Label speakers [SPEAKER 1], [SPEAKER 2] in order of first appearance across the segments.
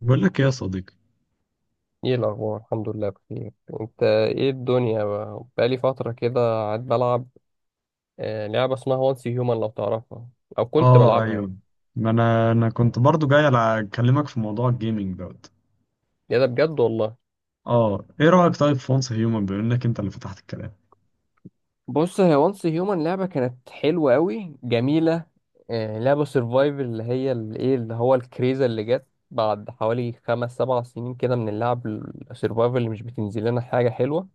[SPEAKER 1] بقول لك ايه يا صديقي؟
[SPEAKER 2] ايه الاخبار؟ الحمد لله بخير. انت ايه الدنيا بقى؟ بقالي فتره كده قاعد بلعب لعبه اسمها وانس هيومن لو تعرفها. او كنت
[SPEAKER 1] اه
[SPEAKER 2] بلعبها
[SPEAKER 1] ايوه.
[SPEAKER 2] يعني.
[SPEAKER 1] ما انا كنت برضو جاي اكلمك في موضوع الجيمنج دوت.
[SPEAKER 2] يا ده بجد والله.
[SPEAKER 1] اه، ايه رايك طيب في ونس هيومن بما انك انت اللي فتحت الكلام؟
[SPEAKER 2] بص، هي وانس هيومن لعبه كانت حلوه قوي، جميله. لعبه سرفايفل اللي هي الايه اللي هو الكريزه اللي جت بعد حوالي خمس سبع سنين كده من اللعب. السرفايفل اللي مش بتنزل لنا حاجه حلوه.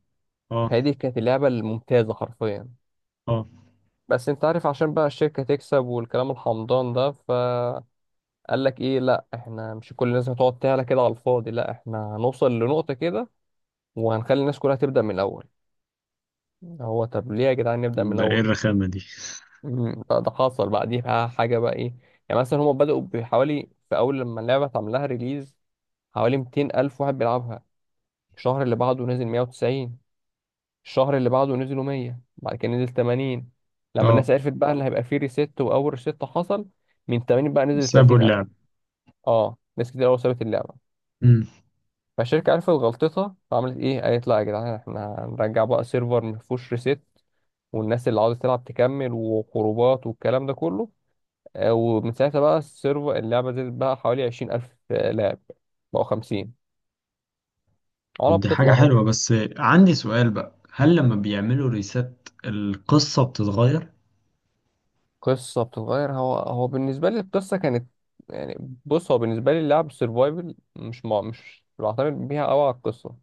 [SPEAKER 1] اه
[SPEAKER 2] هذه كانت اللعبه الممتازه حرفيا.
[SPEAKER 1] اه.
[SPEAKER 2] بس انت عارف، عشان بقى الشركه تكسب والكلام الحمضان ده، ف قال لك ايه؟ لا احنا مش كل الناس هتقعد تعلى كده على الفاضي، لا احنا هنوصل لنقطة كده وهنخلي الناس كلها تبدأ من الأول. هو طب ليه يا جدعان نبدأ من
[SPEAKER 1] ده ايه
[SPEAKER 2] الأول؟
[SPEAKER 1] الرخامه دي؟
[SPEAKER 2] ده حصل بقى، دي بقى حاجة بقى ايه. يعني مثلا هما بدأوا بحوالي، في أول لما اللعبة اتعمل لها ريليز، حوالي 200 ألف واحد بيلعبها. الشهر اللي بعده نزل 190. الشهر اللي بعده نزلوا 100. بعد كده نزل 80. لما
[SPEAKER 1] اه.
[SPEAKER 2] الناس عرفت بقى ان هيبقى فيه ريست وأول ريست حصل، من 80 بقى نزل
[SPEAKER 1] سابوا
[SPEAKER 2] 30 ألف.
[SPEAKER 1] اللعب.
[SPEAKER 2] اه ناس كتير أوي سابت اللعبة.
[SPEAKER 1] امم.
[SPEAKER 2] فالشركة عرفت غلطتها، فعملت ايه؟ قالت لا يا جدعان، احنا هنرجع بقى سيرفر مفهوش ريست، والناس اللي عاوزة تلعب تكمل، وخروجات والكلام ده كله. ومن ساعتها بقى السيرفر اللعبة زادت بقى حوالي عشرين ألف لاعب. بقوا خمسين. علا
[SPEAKER 1] طب دي حاجه
[SPEAKER 2] بتطلع اهو.
[SPEAKER 1] حلوه بس. عندي سؤال بقى، هل لما بيعملوا ريسات القصه بتتغير؟
[SPEAKER 2] قصة بتتغير. هو بالنسبة لي القصة كانت، يعني، بص، هو بالنسبة لي اللعب سرفايفل مش بعتمد بيها أوي على القصة.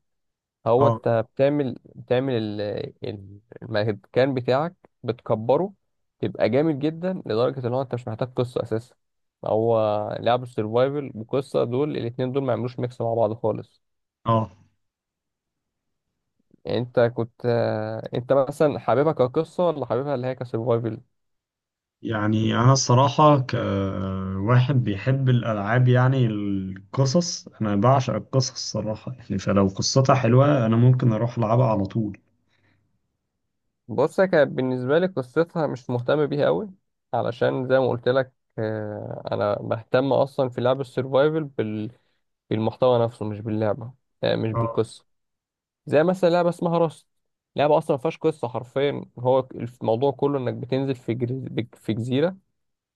[SPEAKER 2] هو
[SPEAKER 1] اه
[SPEAKER 2] انت بتعمل المكان بتاعك، بتكبره، تبقى جامد جدا لدرجة ان هو انت مش محتاج قصة اساسا. هو لعب السرفايفل وقصة، دول الاتنين دول ما يعملوش ميكس مع بعض خالص.
[SPEAKER 1] اه.
[SPEAKER 2] يعني انت كنت، انت مثلا حاببها كقصة ولا حاببها اللي هي كسرفايفل؟
[SPEAKER 1] يعني أنا الصراحة كواحد بيحب الألعاب، يعني القصص، أنا بعشق القصص الصراحة، يعني فلو قصتها حلوة أنا ممكن أروح ألعبها على طول.
[SPEAKER 2] بص، هي كانت بالنسبة لي قصتها مش مهتم بيها قوي، علشان زي ما قلت لك. انا بهتم اصلا في لعب السرفايفل بالمحتوى نفسه، مش باللعبة. مش
[SPEAKER 1] اه
[SPEAKER 2] بالقصة. زي مثلا لعبه اسمها راست، لعبه اصلا ما فيهاش قصه حرفيا. هو الموضوع كله انك بتنزل في جزيره،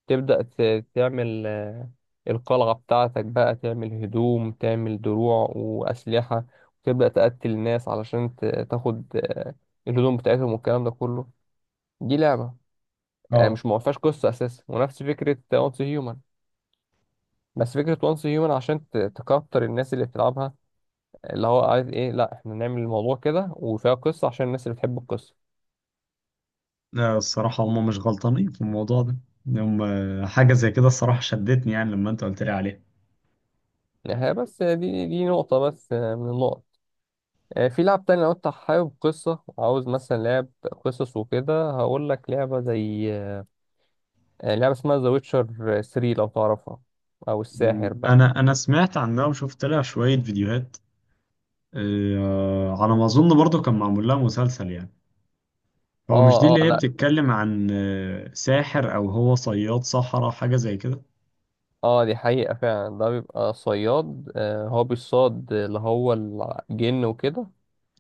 [SPEAKER 2] تبدا تعمل القلعه بتاعتك بقى، تعمل هدوم، تعمل دروع واسلحه، وتبدا تقتل ناس علشان تاخد الهدوم بتاعتهم والكلام ده كله. دي لعبه يعني
[SPEAKER 1] اه.
[SPEAKER 2] مش ما فيهاش قصه اساسا، ونفس فكره وانس هيومن. بس فكرة وانس هيومن عشان تكتر الناس اللي بتلعبها. اللي هو عايز ايه؟ لا احنا نعمل الموضوع كده وفيها قصة عشان الناس اللي بتحب القصة.
[SPEAKER 1] لا، الصراحة هما مش غلطانين في الموضوع ده. هم. حاجة زي كده الصراحة شدتني يعني لما أنت قلت لي عليها.
[SPEAKER 2] ها بس دي نقطة بس، من النقط. في لعب تاني لو انت حابب قصة وعاوز مثلا لعب قصص وكده، هقول لك لعبة زي، لعبة اسمها ذا ويتشر 3 لو تعرفها، أو الساحر بقى.
[SPEAKER 1] أنا سمعت عنها وشفت لها شوية فيديوهات. على ما أظن برضو كان معمول لها مسلسل يعني. هو مش دي
[SPEAKER 2] اه
[SPEAKER 1] اللي
[SPEAKER 2] اه
[SPEAKER 1] هي
[SPEAKER 2] لا.
[SPEAKER 1] بتتكلم عن ساحر، أو هو صياد صحراء، حاجة زي كده؟
[SPEAKER 2] اه دي حقيقة فعلا، ده بيبقى صياد. هو بيصاد اللي هو الجن وكده.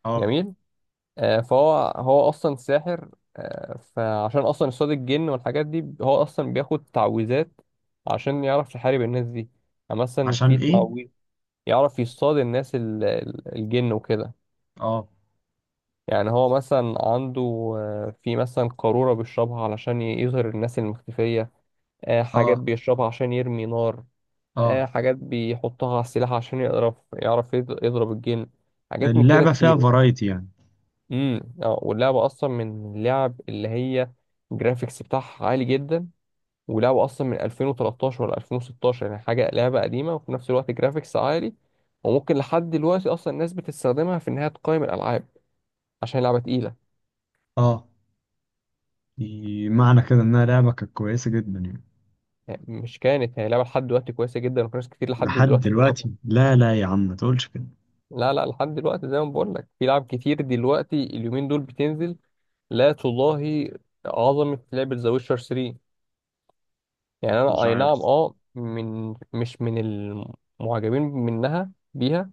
[SPEAKER 1] اه.
[SPEAKER 2] جميل. فهو اصلا ساحر. فعشان اصلا يصطاد الجن والحاجات دي، هو اصلا بياخد تعويذات عشان يعرف يحارب الناس دي. يعني مثلا
[SPEAKER 1] عشان
[SPEAKER 2] في
[SPEAKER 1] ايه؟
[SPEAKER 2] تعويذ يعرف يصطاد الناس الجن وكده.
[SPEAKER 1] اه
[SPEAKER 2] يعني هو مثلا عنده، في مثلا قارورة بيشربها علشان يظهر الناس المختفية. حاجات
[SPEAKER 1] اه
[SPEAKER 2] بيشربها عشان يرمي نار.
[SPEAKER 1] اه.
[SPEAKER 2] حاجات بيحطها على السلاح عشان يعرف يضرب الجن. حاجات من كده
[SPEAKER 1] اللعبة فيها
[SPEAKER 2] كتير.
[SPEAKER 1] فرايتي يعني.
[SPEAKER 2] امم، اه، واللعبه اصلا من اللعب اللي هي الجرافيكس بتاعها عالي جدا. ولعبه اصلا من 2013 ولا 2016، يعني حاجه لعبه قديمه وفي نفس الوقت جرافيكس عالي. وممكن لحد دلوقتي اصلا الناس بتستخدمها في انها تقيم الالعاب، عشان لعبه تقيله.
[SPEAKER 1] اه. دي معنى كده انها لعبة كانت كويسة جدا يعني.
[SPEAKER 2] يعني مش كانت، هي لعبه لحد دلوقتي كويسه جدا وفي ناس كتير لحد
[SPEAKER 1] لحد
[SPEAKER 2] دلوقتي بتلعبها.
[SPEAKER 1] دلوقتي، لا لا يا عم ما تقولش كده.
[SPEAKER 2] لا لحد دلوقتي، زي ما بقول لك، في لعب كتير دلوقتي اليومين دول بتنزل لا تضاهي عظمه لعبه ذا ويتشر 3. يعني
[SPEAKER 1] مش
[SPEAKER 2] انا اي نعم،
[SPEAKER 1] عارف.
[SPEAKER 2] اه، من مش من المعجبين بيها.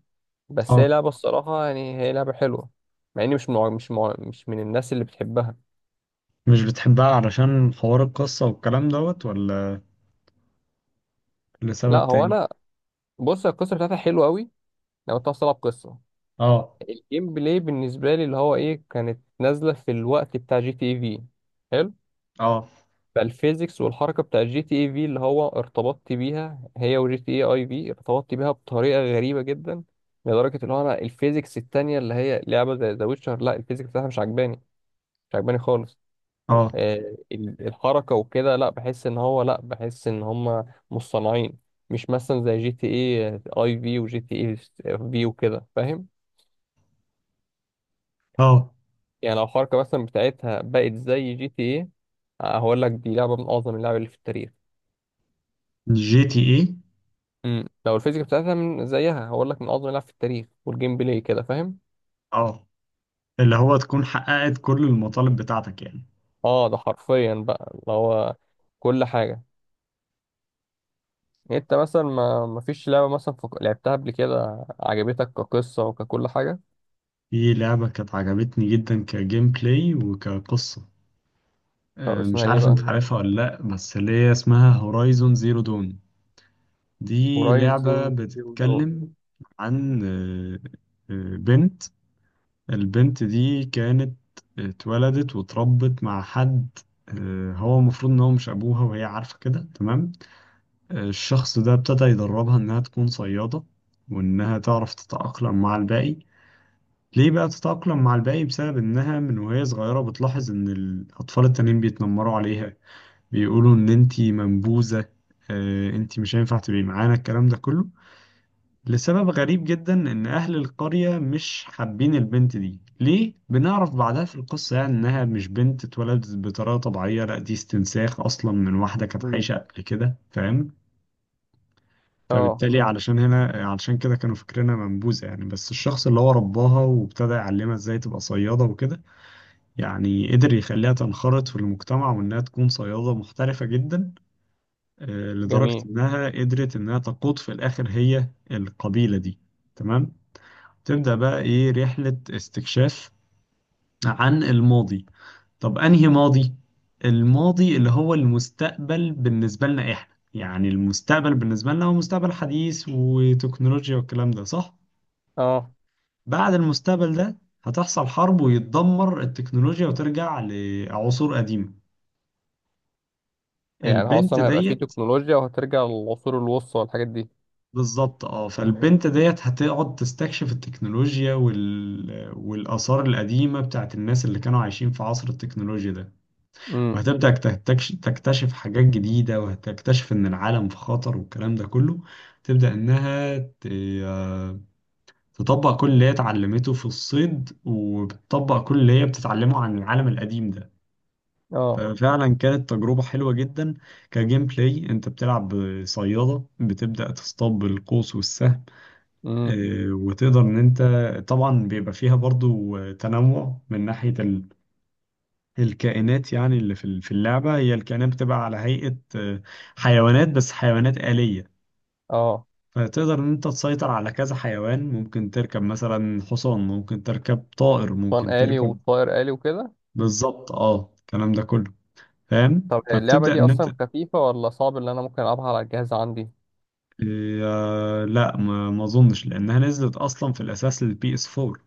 [SPEAKER 2] بس هي
[SPEAKER 1] اه.
[SPEAKER 2] لعبه الصراحه، يعني هي لعبه حلوه، مع اني مش من الناس اللي بتحبها.
[SPEAKER 1] مش بتحبها علشان حوار القصة والكلام دوت، ولا
[SPEAKER 2] لا
[SPEAKER 1] لسبب
[SPEAKER 2] هو
[SPEAKER 1] تاني؟
[SPEAKER 2] انا بص، القصه بتاعتها حلوه قوي لو انت بتلعب قصه.
[SPEAKER 1] اه
[SPEAKER 2] الجيم بلاي بالنسبه لي اللي هو ايه، كانت نازله في الوقت بتاع جي تي اي في.
[SPEAKER 1] اه
[SPEAKER 2] فالفيزيكس والحركه بتاع جي تي اي في اللي هو ارتبطت بيها، هي وجي تي اي اي في، ارتبطت بيها بطريقه غريبه جدا، لدرجه اللي هو انا الفيزيكس التانيه اللي هي لعبه زي ذا ويتشر، لا الفيزيكس بتاعها مش عجباني، مش عجباني خالص.
[SPEAKER 1] اه
[SPEAKER 2] الحركه وكده، لا بحس ان هو، لا بحس ان هم مصطنعين. مش مثلا زي جي تي اي اي في وجي تي اي في وكده، فاهم؟
[SPEAKER 1] اه.
[SPEAKER 2] يعني لو الحركه مثلا بتاعتها بقت زي جي تي اي، هقول لك دي لعبه من اعظم اللعب اللي في التاريخ.
[SPEAKER 1] جي تي ايه؟
[SPEAKER 2] امم، لو الفيزيكا بتاعتها من زيها، هقول لك من اعظم اللاعب في التاريخ والجيم بلاي كده، فاهم؟
[SPEAKER 1] اه. اللي هو تكون حققت كل المطالب بتاعتك يعني.
[SPEAKER 2] اه، ده حرفيا بقى اللي هو كل حاجه. انت مثلا ما ما فيش لعبه مثلا لعبتها قبل كده عجبتك كقصه وككل حاجه.
[SPEAKER 1] دي لعبة كانت عجبتني جدا كجيم بلاي وكقصة.
[SPEAKER 2] طب
[SPEAKER 1] مش
[SPEAKER 2] اسمها ايه
[SPEAKER 1] عارف انت
[SPEAKER 2] بقى؟
[SPEAKER 1] عارفها ولا لا، بس اللي هي اسمها هورايزون زيرو دون. دي لعبة
[SPEAKER 2] هورايزن زيرو دون.
[SPEAKER 1] بتتكلم عن بنت. البنت دي كانت اتولدت واتربت مع حد. هو المفروض ان هو مش ابوها وهي عارفة كده تمام. الشخص ده ابتدى يدربها انها تكون صيادة وانها تعرف تتأقلم مع الباقي. ليه بقى تتأقلم مع الباقي؟ بسبب انها من وهي صغيرة بتلاحظ ان الاطفال التانيين بيتنمروا عليها، بيقولوا ان انتي منبوذة، انتي مش هينفع تبقي معانا، الكلام ده كله. لسبب غريب جدا ان اهل القرية مش حابين البنت دي، ليه؟ بنعرف بعدها في القصة يعني انها مش بنت اتولدت بطريقة طبيعية، لا دي استنساخ اصلا من واحدة كانت
[SPEAKER 2] مم.
[SPEAKER 1] عايشة قبل كده، فاهم؟
[SPEAKER 2] اه
[SPEAKER 1] فبالتالي علشان هنا، علشان كده كانوا فاكرينها منبوذة يعني. بس الشخص اللي هو رباها وابتدى يعلمها ازاي تبقى صيادة وكده، يعني قدر يخليها تنخرط في المجتمع وانها تكون صيادة محترفة جدا. لدرجة
[SPEAKER 2] جميل.
[SPEAKER 1] إنها قدرت إنها تقود في الآخر هي القبيلة دي. تمام. تبدأ بقى إيه؟ رحلة استكشاف عن الماضي. طب أنهي ماضي؟ الماضي اللي هو المستقبل بالنسبة لنا إحنا، يعني المستقبل بالنسبة لنا هو مستقبل حديث وتكنولوجيا والكلام ده، صح؟
[SPEAKER 2] اه،
[SPEAKER 1] بعد المستقبل ده هتحصل حرب ويتدمر التكنولوجيا وترجع لعصور قديمة.
[SPEAKER 2] يعني هو
[SPEAKER 1] البنت
[SPEAKER 2] اصلا هيبقى فيه
[SPEAKER 1] ديت،
[SPEAKER 2] تكنولوجيا، وهترجع للعصور الوسطى والحاجات دي.
[SPEAKER 1] بالظبط اه، فالبنت ديت هتقعد تستكشف التكنولوجيا والآثار القديمة بتاعت الناس اللي كانوا عايشين في عصر التكنولوجيا ده،
[SPEAKER 2] امم.
[SPEAKER 1] وهتبدأ تكتشف حاجات جديدة، وهتكتشف إن العالم في خطر والكلام ده كله. تبدأ إنها آه، تطبق كل اللي هي اتعلمته في الصيد، وبتطبق كل اللي هي بتتعلمه عن العالم القديم ده.
[SPEAKER 2] اه.
[SPEAKER 1] ففعلا كانت تجربة حلوة جدا. كجيم بلاي، انت بتلعب صيادة بتبدأ تصطاد بالقوس والسهم.
[SPEAKER 2] امم.
[SPEAKER 1] وتقدر ان انت طبعا بيبقى فيها برضو تنوع من ناحية الكائنات، يعني اللي في في اللعبة، هي الكائنات بتبقى على هيئة حيوانات، بس حيوانات آلية.
[SPEAKER 2] اه.
[SPEAKER 1] فتقدر ان انت تسيطر على كذا حيوان، ممكن تركب مثلا حصان، ممكن تركب طائر،
[SPEAKER 2] طيران
[SPEAKER 1] ممكن
[SPEAKER 2] آلي
[SPEAKER 1] تركب.
[SPEAKER 2] وطائر آلي وكده.
[SPEAKER 1] بالظبط اه، الكلام ده كله، فاهم؟
[SPEAKER 2] طب اللعبة
[SPEAKER 1] فبتبدأ
[SPEAKER 2] دي
[SPEAKER 1] ان انت
[SPEAKER 2] أصلا خفيفة ولا صعب اللي أنا ممكن ألعبها على الجهاز عندي؟
[SPEAKER 1] لا، ما اظنش لانها نزلت اصلا في الاساس للبي اس 4.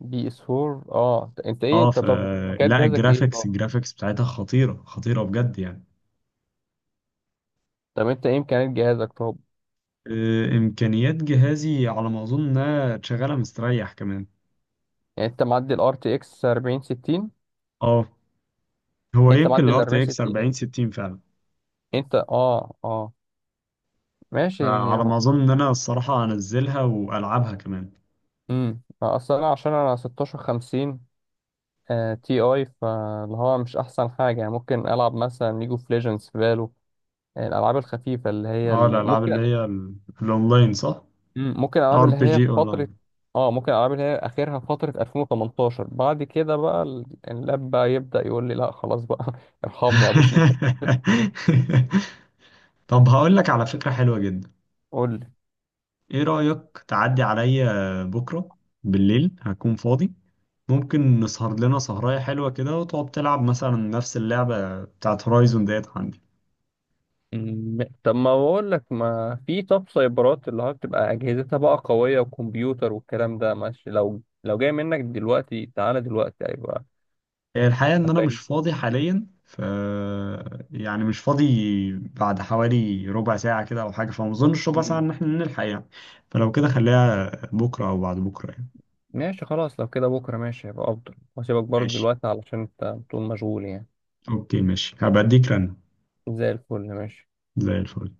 [SPEAKER 2] بي اس 4. اه. أنت إيه،
[SPEAKER 1] اه
[SPEAKER 2] أنت
[SPEAKER 1] ف.
[SPEAKER 2] طب إمكانيات
[SPEAKER 1] لا،
[SPEAKER 2] جهازك إيه
[SPEAKER 1] الجرافيكس
[SPEAKER 2] طب؟
[SPEAKER 1] الجرافيكس بتاعتها خطيرة خطيرة بجد يعني.
[SPEAKER 2] طب أنت إيه إمكانيات جهازك طب؟
[SPEAKER 1] امكانيات جهازي على ما اظن انها شغالة مستريح كمان.
[SPEAKER 2] يعني أنت معدي ال RTX 4060؟
[SPEAKER 1] اه، هو
[SPEAKER 2] أنت
[SPEAKER 1] يمكن
[SPEAKER 2] معدي ال
[SPEAKER 1] الار تي اكس
[SPEAKER 2] 4060؟
[SPEAKER 1] 40 60 فعلا.
[SPEAKER 2] أنت، اه، ماشي.
[SPEAKER 1] فعلى
[SPEAKER 2] يا-
[SPEAKER 1] ما اظن ان انا الصراحة انزلها والعبها كمان.
[SPEAKER 2] امم، أصل أنا عشان أنا 1650 آه تي أي، فاللي هو مش أحسن حاجة يعني. ممكن ألعب مثلا ليج اوف ليجندز، فالو الألعاب الخفيفة اللي هي
[SPEAKER 1] اه، الالعاب
[SPEAKER 2] ممكن.
[SPEAKER 1] اللي هي الاونلاين، صح؟
[SPEAKER 2] مم. ممكن الالعاب
[SPEAKER 1] ار
[SPEAKER 2] اللي
[SPEAKER 1] بي
[SPEAKER 2] هي في
[SPEAKER 1] جي
[SPEAKER 2] فتره.
[SPEAKER 1] اونلاين.
[SPEAKER 2] اه، ممكن الالعاب اللي هي اخرها فتره 2018، بعد كده بقى اللاب بقى يبدا يقول لي لا خلاص بقى. ارحمني يا ابوس ايدك.
[SPEAKER 1] طب هقول لك على فكرة حلوة جدا.
[SPEAKER 2] قول لي.
[SPEAKER 1] ايه رأيك تعدي عليا بكرة؟ بالليل هكون فاضي. ممكن نسهر لنا سهراية حلوة كده وتقعد تلعب مثلا نفس اللعبة بتاعت هورايزون ديت عندي.
[SPEAKER 2] مم. طب ما بقول لك، ما في طب سايبرات اللي هو بتبقى اجهزتها بقى قويه وكمبيوتر والكلام ده، ماشي، لو جاي منك دلوقتي، تعالى دلوقتي هيبقى.
[SPEAKER 1] الحقيقة ان انا
[SPEAKER 2] ولا
[SPEAKER 1] مش
[SPEAKER 2] ايه؟
[SPEAKER 1] فاضي حاليا ف، يعني مش فاضي. بعد حوالي ربع ساعة كده او حاجة، فما اظنش ربع ساعة
[SPEAKER 2] مم.
[SPEAKER 1] ان احنا نلحق يعني. فلو كده خليها بكرة او بعد بكرة يعني.
[SPEAKER 2] ماشي خلاص، لو كده بكره ماشي، هيبقى افضل. واسيبك برضه
[SPEAKER 1] ماشي،
[SPEAKER 2] دلوقتي علشان انت بتقول مشغول يعني.
[SPEAKER 1] اوكي ماشي، هبقى اديك رن.
[SPEAKER 2] زي الفل، ماشي.
[SPEAKER 1] زي الفل.